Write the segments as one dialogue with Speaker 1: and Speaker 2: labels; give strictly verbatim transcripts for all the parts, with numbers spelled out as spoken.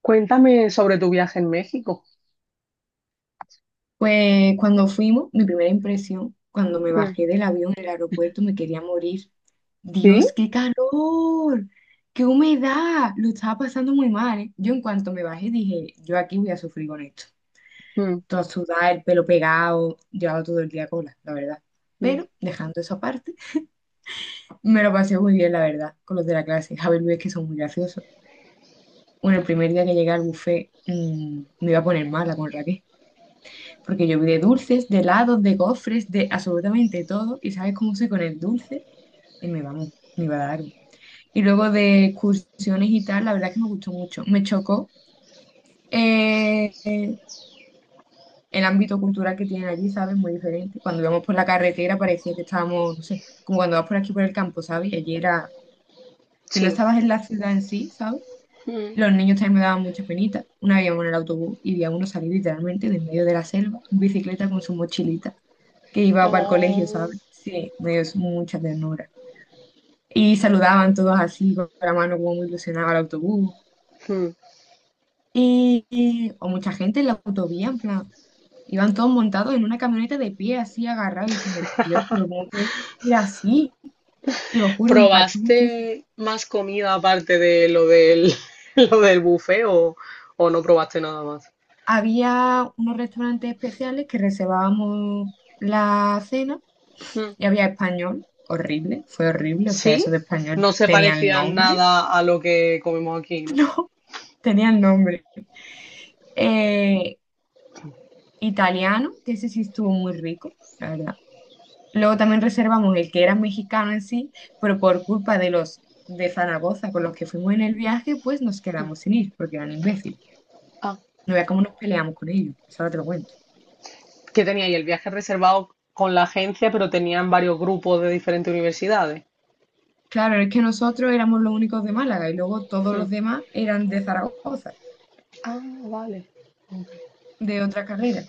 Speaker 1: Cuéntame sobre tu viaje en México.
Speaker 2: Pues cuando fuimos, mi primera impresión, cuando me
Speaker 1: Mm.
Speaker 2: bajé del avión en el aeropuerto, me quería morir.
Speaker 1: ¿Sí?
Speaker 2: Dios, qué calor, qué humedad, lo estaba pasando muy mal, ¿eh? Yo en cuanto me bajé dije, yo aquí voy a sufrir con esto.
Speaker 1: Mm.
Speaker 2: Toda sudada, el pelo pegado, llevaba todo el día cola, la verdad.
Speaker 1: Mm.
Speaker 2: Pero dejando eso aparte, me lo pasé muy bien, la verdad, con los de la clase. Javier Luis, que son muy graciosos. Bueno, el primer día que llegué al buffet, mm, me iba a poner mala con Raquel. Porque yo vi de dulces, de helados, de gofres, de absolutamente todo. Y sabes cómo soy con el dulce. Y me vamos, me va a dar. un- Y luego de excursiones y tal, la verdad es que me gustó mucho. Me chocó eh, eh, el ámbito cultural que tienen allí, ¿sabes? Muy diferente. Cuando íbamos por la carretera parecía que estábamos, no sé, como cuando vas por aquí por el campo, ¿sabes? Y allí era, si no
Speaker 1: Sí.
Speaker 2: estabas en la ciudad en sí, ¿sabes?
Speaker 1: Mm.
Speaker 2: Los niños también me daban mucha penita. Una vez íbamos en el autobús y vi a uno salir literalmente del medio de la selva, en bicicleta con su mochilita, que iba para el colegio,
Speaker 1: Oh.
Speaker 2: ¿sabes? Sí, me dio mucha ternura. Y saludaban todos así, con la mano como muy ilusionada al autobús.
Speaker 1: Mm.
Speaker 2: Y, y- o mucha gente en la autovía, en plan, iban todos montados en una camioneta de pie, así agarrados, y diciendo, Dios, pero ¿cómo pueden ir así? Te lo juro, me impactó muchísimo.
Speaker 1: ¿Probaste más comida aparte de lo del, lo del buffet o, o no probaste nada más?
Speaker 2: Había unos restaurantes especiales que reservábamos la cena
Speaker 1: Mm.
Speaker 2: y había español, horrible, fue horrible, o sea,
Speaker 1: Sí.
Speaker 2: eso de español
Speaker 1: No se
Speaker 2: tenía el
Speaker 1: parecía
Speaker 2: nombre,
Speaker 1: nada a lo que comemos aquí, ¿no?
Speaker 2: no, tenía el nombre Eh, italiano, que ese sí estuvo muy rico, la verdad. Luego también reservamos el que era mexicano en sí, pero por culpa de los de Zaragoza con los que fuimos en el viaje, pues nos quedamos sin ir, porque eran imbéciles.
Speaker 1: Ah.
Speaker 2: No veas cómo nos peleamos con ellos, eso ahora te lo cuento.
Speaker 1: ¿Qué tenía ahí el viaje reservado con la agencia, pero tenían varios grupos de diferentes universidades.
Speaker 2: Claro, es que nosotros éramos los únicos de Málaga y luego todos
Speaker 1: Mm.
Speaker 2: los demás eran de Zaragoza,
Speaker 1: Ah, vale.
Speaker 2: de otra carrera.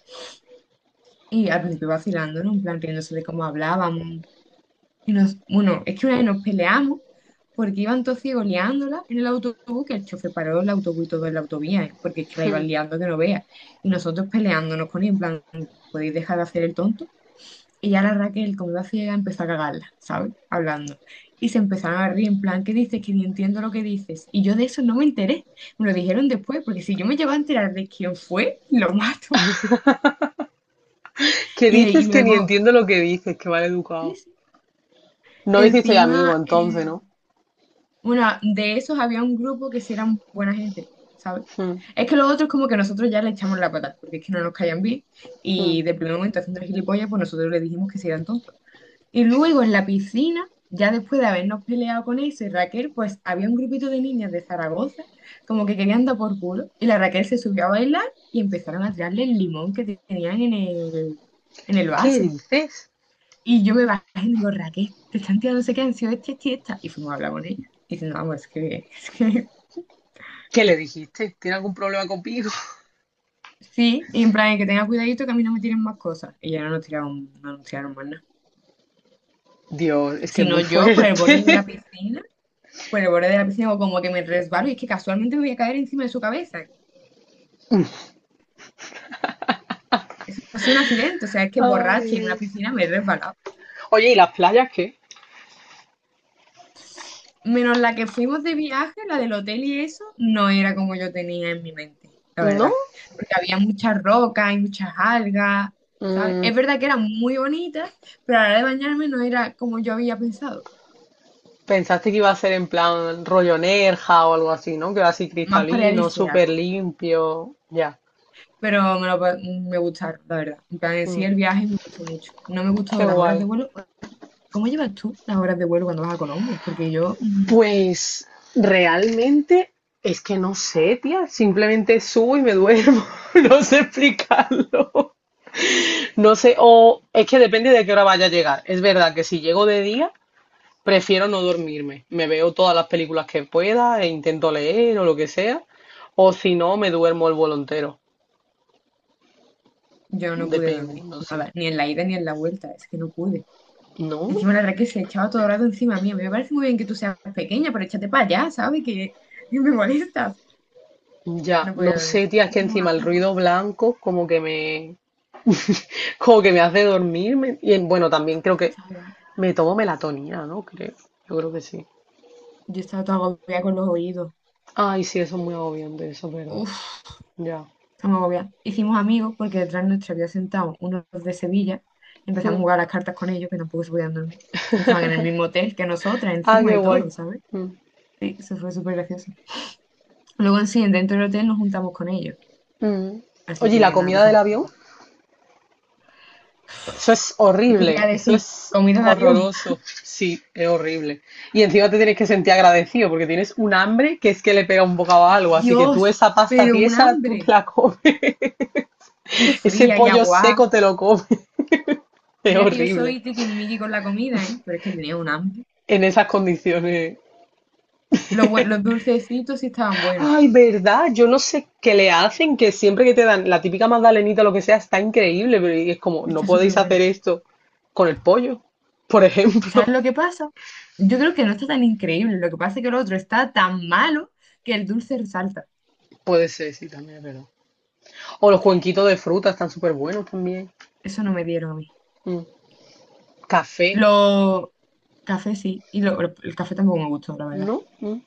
Speaker 2: Y al principio vacilando, ¿no? En plan, riéndose de cómo hablábamos. Y nos, bueno, es que una vez nos peleamos porque iban todos ciegos liándola en el autobús, que el chofer paró el autobús y todo en la autovía, ¿eh? Porque es que la
Speaker 1: Mm.
Speaker 2: iban liando que no veas. Y nosotros peleándonos con ella, en plan, ¿podéis dejar de hacer el tonto? Y ya la Raquel, como iba ciega, empezó a cagarla, ¿sabes? Hablando. Y se empezaron a reír, en plan, ¿qué dices? Que ni entiendo lo que dices. Y yo de eso no me enteré. Me lo dijeron después, porque si yo me llevaba a enterar de quién fue, lo mato.
Speaker 1: Que
Speaker 2: Y, y
Speaker 1: dices que ni
Speaker 2: luego,
Speaker 1: entiendo lo que dices, que mal
Speaker 2: sí,
Speaker 1: educado.
Speaker 2: sí.
Speaker 1: No hiciste amigo
Speaker 2: Encima,
Speaker 1: entonces,
Speaker 2: eh,
Speaker 1: ¿no?
Speaker 2: bueno, de esos había un grupo que sí eran buena gente, ¿sabes?
Speaker 1: Mm.
Speaker 2: Es que los otros como que nosotros ya le echamos la patada, porque es que no nos caían bien,
Speaker 1: Mm.
Speaker 2: y de primer momento haciendo el gilipollas, pues nosotros le dijimos que se eran tontos. Y luego en la piscina, ya después de habernos peleado con eso, y Raquel, pues había un grupito de niñas de Zaragoza, como que querían dar por culo, y la Raquel se subió a bailar y empezaron a tirarle el limón que tenían en el, en el
Speaker 1: ¿Qué
Speaker 2: vaso.
Speaker 1: dices?
Speaker 2: Y yo me bajé y le digo, Raquel, te están tirando no sé qué, han sido esta, esta y esta. Y fuimos a hablar con ella, y diciendo, vamos, es que, es que
Speaker 1: ¿Qué le dijiste? ¿Tiene algún problema conmigo?
Speaker 2: sí, y en plan, que tenga cuidadito que a mí no me tiren más cosas. Y ya no nos tiraron, no nos tiraron más nada.
Speaker 1: Dios, es que es
Speaker 2: Sino
Speaker 1: muy
Speaker 2: yo por el borde
Speaker 1: fuerte.
Speaker 2: de la piscina, por el borde de la piscina, o como que me resbalo y es que casualmente me voy a caer encima de su cabeza. Eso ha sido un accidente, o sea, es que borracha y en una
Speaker 1: Ay.
Speaker 2: piscina me he resbalado.
Speaker 1: Oye, ¿y las playas qué?
Speaker 2: Menos la que fuimos de viaje, la del hotel y eso, no era como yo tenía en mi mente, la
Speaker 1: ¿No?
Speaker 2: verdad. Porque había muchas rocas y muchas algas, ¿sabes?
Speaker 1: Mm,
Speaker 2: Es verdad que eran muy bonitas, pero a la hora de bañarme no era como yo había pensado,
Speaker 1: pensaste que iba a ser en plan rollo Nerja o algo así, ¿no? Que va así
Speaker 2: más
Speaker 1: cristalino, súper
Speaker 2: paradisíaco.
Speaker 1: limpio. Ya.
Speaker 2: Pero me, lo pa- me gustaron, la verdad. En plan, en sí,
Speaker 1: Mm,
Speaker 2: el viaje me gustó mucho. No me gustó
Speaker 1: qué
Speaker 2: las horas
Speaker 1: guay.
Speaker 2: de vuelo. ¿Cómo llevas tú las horas de vuelo cuando vas a Colombia? Porque yo, mm,
Speaker 1: Pues realmente es que no sé, tía. Simplemente subo y me duermo. No sé explicarlo. No sé, o es que depende de qué hora vaya a llegar. Es verdad que si llego de día, prefiero no dormirme. Me veo todas las películas que pueda e intento leer o lo que sea. O si no, me duermo el vuelo entero.
Speaker 2: yo no pude
Speaker 1: Depende,
Speaker 2: dormir,
Speaker 1: no sé.
Speaker 2: nada, ni en la ida ni en la vuelta, es que no pude.
Speaker 1: ¿No?
Speaker 2: Encima la verdad que se echaba todo el rato encima mío. Me parece muy bien que tú seas pequeña, pero échate para allá, ¿sabes? Que que me molestas.
Speaker 1: Ya,
Speaker 2: No
Speaker 1: no
Speaker 2: podía dormir.
Speaker 1: sé, tía, es que
Speaker 2: Hicimos
Speaker 1: encima el
Speaker 2: amigos.
Speaker 1: ruido blanco como que me, como que me hace dormirme. Y bueno, también creo
Speaker 2: Yo
Speaker 1: que
Speaker 2: estaba,
Speaker 1: me tomo melatonina, ¿no? Creo, yo creo que sí.
Speaker 2: yo estaba toda agobiada con los oídos.
Speaker 1: Ay, sí, eso es muy agobiante, eso es verdad.
Speaker 2: Uf,
Speaker 1: Ya.
Speaker 2: estaba agobiada. Hicimos amigos porque detrás nuestro había sentado unos de Sevilla y empezamos
Speaker 1: Mm.
Speaker 2: a jugar a las cartas con ellos que tampoco se podían dormir. Estaban en el mismo hotel que nosotras,
Speaker 1: Ah,
Speaker 2: encima
Speaker 1: qué
Speaker 2: y
Speaker 1: guay.
Speaker 2: todo, ¿sabes?
Speaker 1: Mm.
Speaker 2: Sí, eso fue súper gracioso. Luego en sí, dentro del hotel nos juntamos con ellos.
Speaker 1: Mm.
Speaker 2: Así
Speaker 1: Oye, ¿y la
Speaker 2: que nos lo
Speaker 1: comida del
Speaker 2: pasamos muy
Speaker 1: avión?
Speaker 2: bien.
Speaker 1: Eso es
Speaker 2: ¿Qué te voy
Speaker 1: horrible,
Speaker 2: a
Speaker 1: eso
Speaker 2: decir?
Speaker 1: es
Speaker 2: Comida de avión.
Speaker 1: horroroso. Sí, es horrible. Y encima te tienes que sentir agradecido porque tienes un hambre que es que le pega un bocado a algo. Así que tú
Speaker 2: Dios,
Speaker 1: esa pasta
Speaker 2: pero un
Speaker 1: tiesa, tú te
Speaker 2: hambre.
Speaker 1: la comes.
Speaker 2: Y
Speaker 1: Ese
Speaker 2: fría y
Speaker 1: pollo
Speaker 2: agua.
Speaker 1: seco te lo comes. Es
Speaker 2: Mira que yo
Speaker 1: horrible.
Speaker 2: soy tiquismiqui con la comida, ¿eh? Pero es que tenía un hambre.
Speaker 1: En esas condiciones.
Speaker 2: Los, bue- los dulcecitos sí estaban buenos.
Speaker 1: Ay, verdad, yo no sé qué le hacen, que siempre que te dan la típica magdalenita o lo que sea, está increíble, pero y es como, no
Speaker 2: Está súper
Speaker 1: podéis
Speaker 2: bueno.
Speaker 1: hacer esto con el pollo, por
Speaker 2: ¿Sabes
Speaker 1: ejemplo.
Speaker 2: lo que pasa? Yo creo que no está tan increíble. Lo que pasa es que el otro está tan malo que el dulce resalta.
Speaker 1: Puede ser, sí, también es verdad. O los
Speaker 2: Y
Speaker 1: cuenquitos de fruta están súper buenos también.
Speaker 2: Eso no me dieron a mí.
Speaker 1: Mm. Café,
Speaker 2: Los cafés sí. Y lo- lo- el café tampoco me gustó, la verdad.
Speaker 1: ¿no? Mm.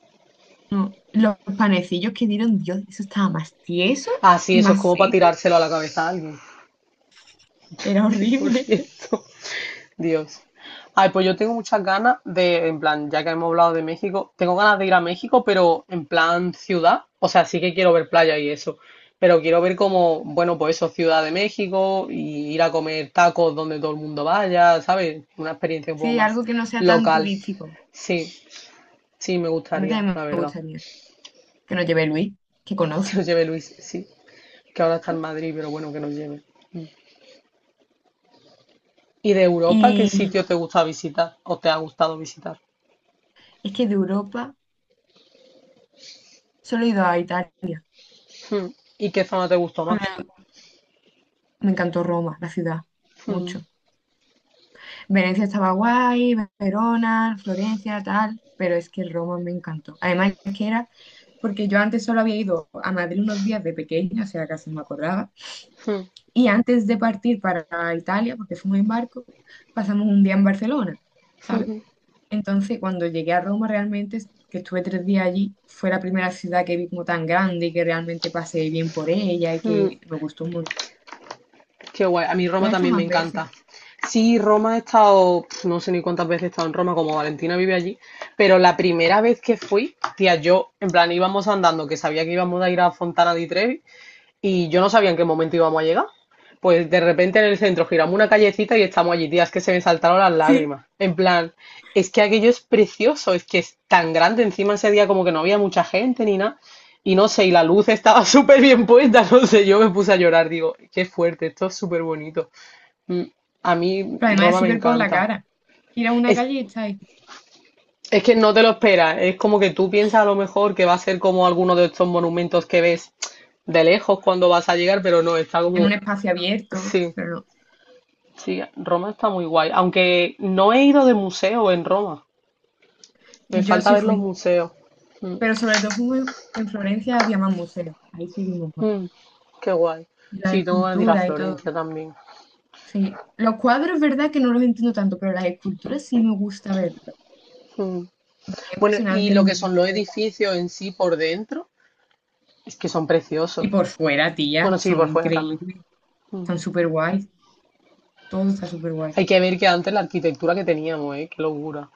Speaker 2: No. Los panecillos que dieron, Dios, eso estaba más tieso
Speaker 1: Ah, sí,
Speaker 2: y
Speaker 1: eso es
Speaker 2: más
Speaker 1: como para
Speaker 2: seco.
Speaker 1: tirárselo a la cabeza a alguien.
Speaker 2: Era
Speaker 1: Por
Speaker 2: horrible.
Speaker 1: cierto, Dios. Ay, pues yo tengo muchas ganas de, en plan, ya que hemos hablado de México, tengo ganas de ir a México, pero en plan ciudad. O sea, sí que quiero ver playa y eso. Pero quiero ver como, bueno, pues eso, Ciudad de México y ir a comer tacos donde todo el mundo vaya, ¿sabes? Una experiencia un poco
Speaker 2: Sí,
Speaker 1: más
Speaker 2: algo que no sea tan
Speaker 1: local.
Speaker 2: turístico.
Speaker 1: Sí, sí, me
Speaker 2: A mí
Speaker 1: gustaría,
Speaker 2: también
Speaker 1: la
Speaker 2: me
Speaker 1: verdad.
Speaker 2: gustaría que nos lleve Luis, que
Speaker 1: Que
Speaker 2: conoce.
Speaker 1: nos lleve Luis, sí. Que ahora está en Madrid, pero bueno, que nos lleve. ¿Y de Europa qué
Speaker 2: Y
Speaker 1: sitio te gusta visitar o te ha gustado visitar?
Speaker 2: es que de Europa solo he ido a Italia.
Speaker 1: Hmm. ¿Y qué zona te gustó más?
Speaker 2: Bueno, me encantó Roma, la ciudad,
Speaker 1: Hmm.
Speaker 2: mucho. Venecia estaba guay, Verona, Florencia, tal, pero es que Roma me encantó. Además, es que era porque yo antes solo había ido a Madrid unos días de pequeña, o sea, casi no me acordaba.
Speaker 1: Hmm.
Speaker 2: Y antes de partir para Italia, porque fuimos en barco, pasamos un día en Barcelona, ¿sabes?
Speaker 1: Hmm.
Speaker 2: Entonces, cuando llegué a Roma, realmente, que estuve tres días allí, fue la primera ciudad que vi como tan grande y que realmente pasé bien por ella y
Speaker 1: Hmm.
Speaker 2: que me gustó un montón.
Speaker 1: Qué guay. A mí
Speaker 2: ¿Tú
Speaker 1: Roma
Speaker 2: has estado
Speaker 1: también me
Speaker 2: más veces?
Speaker 1: encanta. Sí, Roma he estado, pf, no sé ni cuántas veces he estado en Roma, como Valentina vive allí, pero la primera vez que fui, tía, yo, en plan, íbamos andando, que sabía que íbamos a ir a Fontana di Trevi, y yo no sabía en qué momento íbamos a llegar. Pues de repente en el centro giramos una callecita y estamos allí, tía, es que se me saltaron las
Speaker 2: Sí.
Speaker 1: lágrimas. En plan, es que aquello es precioso, es que es tan grande encima ese día como que no había mucha gente ni nada. Y no sé, y la luz estaba súper bien puesta, no sé, yo me puse a llorar, digo, qué fuerte, esto es súper bonito. Mm. A mí
Speaker 2: Pero además es
Speaker 1: Roma me
Speaker 2: súper por la
Speaker 1: encanta.
Speaker 2: cara. Ir a una
Speaker 1: Es,
Speaker 2: calle y estar ahí,
Speaker 1: es que no te lo esperas, es como que tú piensas a lo mejor que va a ser como alguno de estos monumentos que ves de lejos cuando vas a llegar, pero no, está
Speaker 2: en un
Speaker 1: como
Speaker 2: espacio abierto,
Speaker 1: sí,
Speaker 2: pero no.
Speaker 1: sí, Roma está muy guay. Aunque no he ido de museo en Roma. Me
Speaker 2: Yo
Speaker 1: falta
Speaker 2: sí
Speaker 1: ver los
Speaker 2: fui.
Speaker 1: museos. Mm.
Speaker 2: Pero sobre todo fui muy- en Florencia, había más museos. Ahí sí vimos más.
Speaker 1: Mm, qué guay.
Speaker 2: Y las
Speaker 1: Sí, tengo que ir a
Speaker 2: esculturas y todo.
Speaker 1: Florencia también.
Speaker 2: Sí. Los cuadros, verdad que no los entiendo tanto, pero las esculturas sí me gusta verlos.
Speaker 1: Mm.
Speaker 2: Me parecía
Speaker 1: Bueno, y
Speaker 2: impresionante
Speaker 1: lo
Speaker 2: el
Speaker 1: que
Speaker 2: nivel
Speaker 1: son los
Speaker 2: de detalle.
Speaker 1: edificios en sí por dentro, es que son
Speaker 2: Y
Speaker 1: preciosos.
Speaker 2: por fuera, tía,
Speaker 1: Bueno, sí,
Speaker 2: son
Speaker 1: por fuera también.
Speaker 2: increíbles,
Speaker 1: Mm.
Speaker 2: están súper guays, todo está súper guay.
Speaker 1: Hay que ver que antes la arquitectura que teníamos, ¿eh? Qué locura.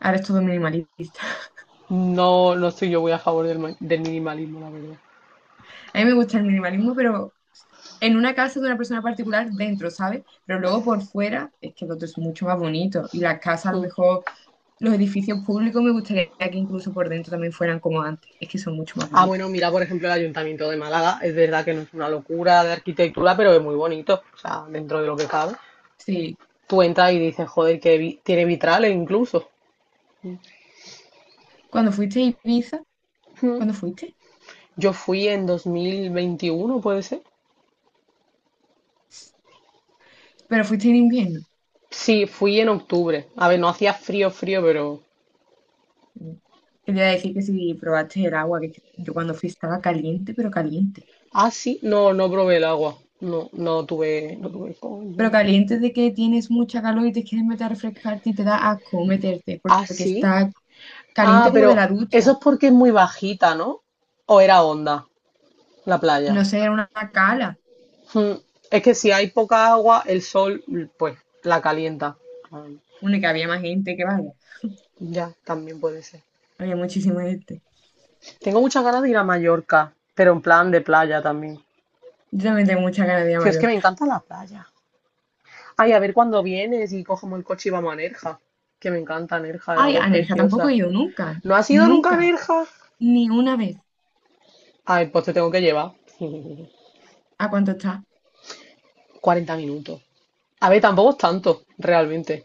Speaker 2: Ahora es todo minimalista.
Speaker 1: No, no estoy yo muy a favor del, ma- del minimalismo, la verdad.
Speaker 2: A mí me gusta el minimalismo, pero en una casa de una persona particular dentro, ¿sabes? Pero luego por fuera es que el otro es mucho más bonito. Y las casas, a lo
Speaker 1: Mm.
Speaker 2: mejor, los edificios públicos, me gustaría que incluso por dentro también fueran como antes. Es que son mucho más
Speaker 1: Ah,
Speaker 2: bonitos.
Speaker 1: bueno, mira, por ejemplo, el Ayuntamiento de Málaga, es verdad que no es una locura de arquitectura, pero es muy bonito, o sea, dentro de lo que cabe.
Speaker 2: Sí.
Speaker 1: Tú entras y dices, joder, que vi- tiene vitrales incluso.
Speaker 2: Cuando fuiste a Ibiza,
Speaker 1: Mm.
Speaker 2: ¿cuándo fuiste?
Speaker 1: Yo fui en dos mil veintiuno, ¿puede ser?
Speaker 2: Pero fuiste en invierno.
Speaker 1: Sí, fui en octubre. A ver, no hacía frío, frío, pero...
Speaker 2: Mm. Quería decir que si probaste el agua, que yo cuando fui estaba caliente, pero caliente.
Speaker 1: Ah, sí, no, no probé el agua. No, no tuve, no tuve
Speaker 2: Pero
Speaker 1: coño.
Speaker 2: caliente de que tienes mucha calor y te quieres meter a refrescarte y te da asco meterte,
Speaker 1: Ah,
Speaker 2: porque
Speaker 1: sí.
Speaker 2: está
Speaker 1: Ah,
Speaker 2: caliente como de
Speaker 1: pero
Speaker 2: la
Speaker 1: eso
Speaker 2: ducha.
Speaker 1: es porque es muy bajita, ¿no? ¿O era onda la playa?
Speaker 2: No sé, era una cala.
Speaker 1: Mm. Es que si hay poca agua, el sol mm, pues la calienta. Ah.
Speaker 2: Una que había más gente que vaya.
Speaker 1: Ya, también puede ser.
Speaker 2: Había muchísima gente.
Speaker 1: Tengo muchas ganas de ir a Mallorca, pero en plan de playa también.
Speaker 2: Yo también tengo mucha ganas de ir a
Speaker 1: Tío, es que me
Speaker 2: Mallorca.
Speaker 1: encanta la playa. Ay, a ver cuándo vienes y cogemos el coche y vamos a Nerja. Que me encanta Nerja, el
Speaker 2: Ay,
Speaker 1: agua es
Speaker 2: a Nerja tampoco
Speaker 1: preciosa.
Speaker 2: he ido nunca.
Speaker 1: ¿No has ido nunca a
Speaker 2: Nunca.
Speaker 1: Nerja?
Speaker 2: Ni una vez.
Speaker 1: Ay, pues te tengo que llevar.
Speaker 2: ¿A cuánto está?
Speaker 1: Cuarenta minutos. A ver, tampoco es tanto, realmente.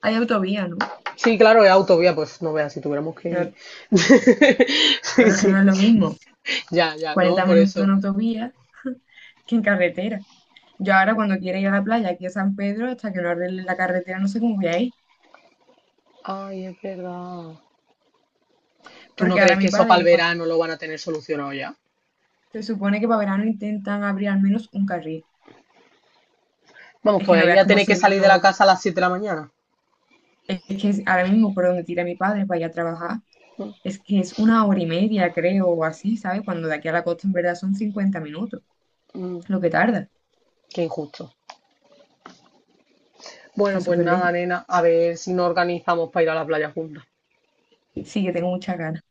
Speaker 2: Hay autovía, ¿no?
Speaker 1: Sí, claro, es autovía, pues no veas, si tuviéramos que ir.
Speaker 2: Pero
Speaker 1: Sí,
Speaker 2: pero es que no
Speaker 1: sí.
Speaker 2: es lo mismo.
Speaker 1: Ya, ya, no,
Speaker 2: cuarenta
Speaker 1: por
Speaker 2: minutos en
Speaker 1: eso.
Speaker 2: autovía que en carretera. Yo ahora cuando quiera ir a la playa aquí a San Pedro, hasta que no arregle la carretera, no sé cómo voy a ir.
Speaker 1: Ay, es verdad. ¿Tú no
Speaker 2: Porque ahora
Speaker 1: crees que
Speaker 2: mi
Speaker 1: eso para el
Speaker 2: padre, cuando...
Speaker 1: verano lo van a tener solucionado ya?
Speaker 2: Se supone que para verano intentan abrir al menos un carril.
Speaker 1: Vamos,
Speaker 2: Es
Speaker 1: que
Speaker 2: que
Speaker 1: voy
Speaker 2: no
Speaker 1: a
Speaker 2: veas
Speaker 1: ir
Speaker 2: cómo
Speaker 1: tener que
Speaker 2: se
Speaker 1: salir de la
Speaker 2: vino.
Speaker 1: casa a las siete de la mañana.
Speaker 2: Es que es- ahora mismo por donde tira mi padre para ir a trabajar, es que es una hora y media, creo, o así, ¿sabes? Cuando de aquí a la costa en verdad son cincuenta minutos,
Speaker 1: Mm,
Speaker 2: lo que tarda.
Speaker 1: qué injusto.
Speaker 2: Está
Speaker 1: Bueno, pues
Speaker 2: súper
Speaker 1: nada,
Speaker 2: lejos.
Speaker 1: nena, a ver si nos organizamos para ir a la playa juntas.
Speaker 2: Sí, que tengo mucha ganas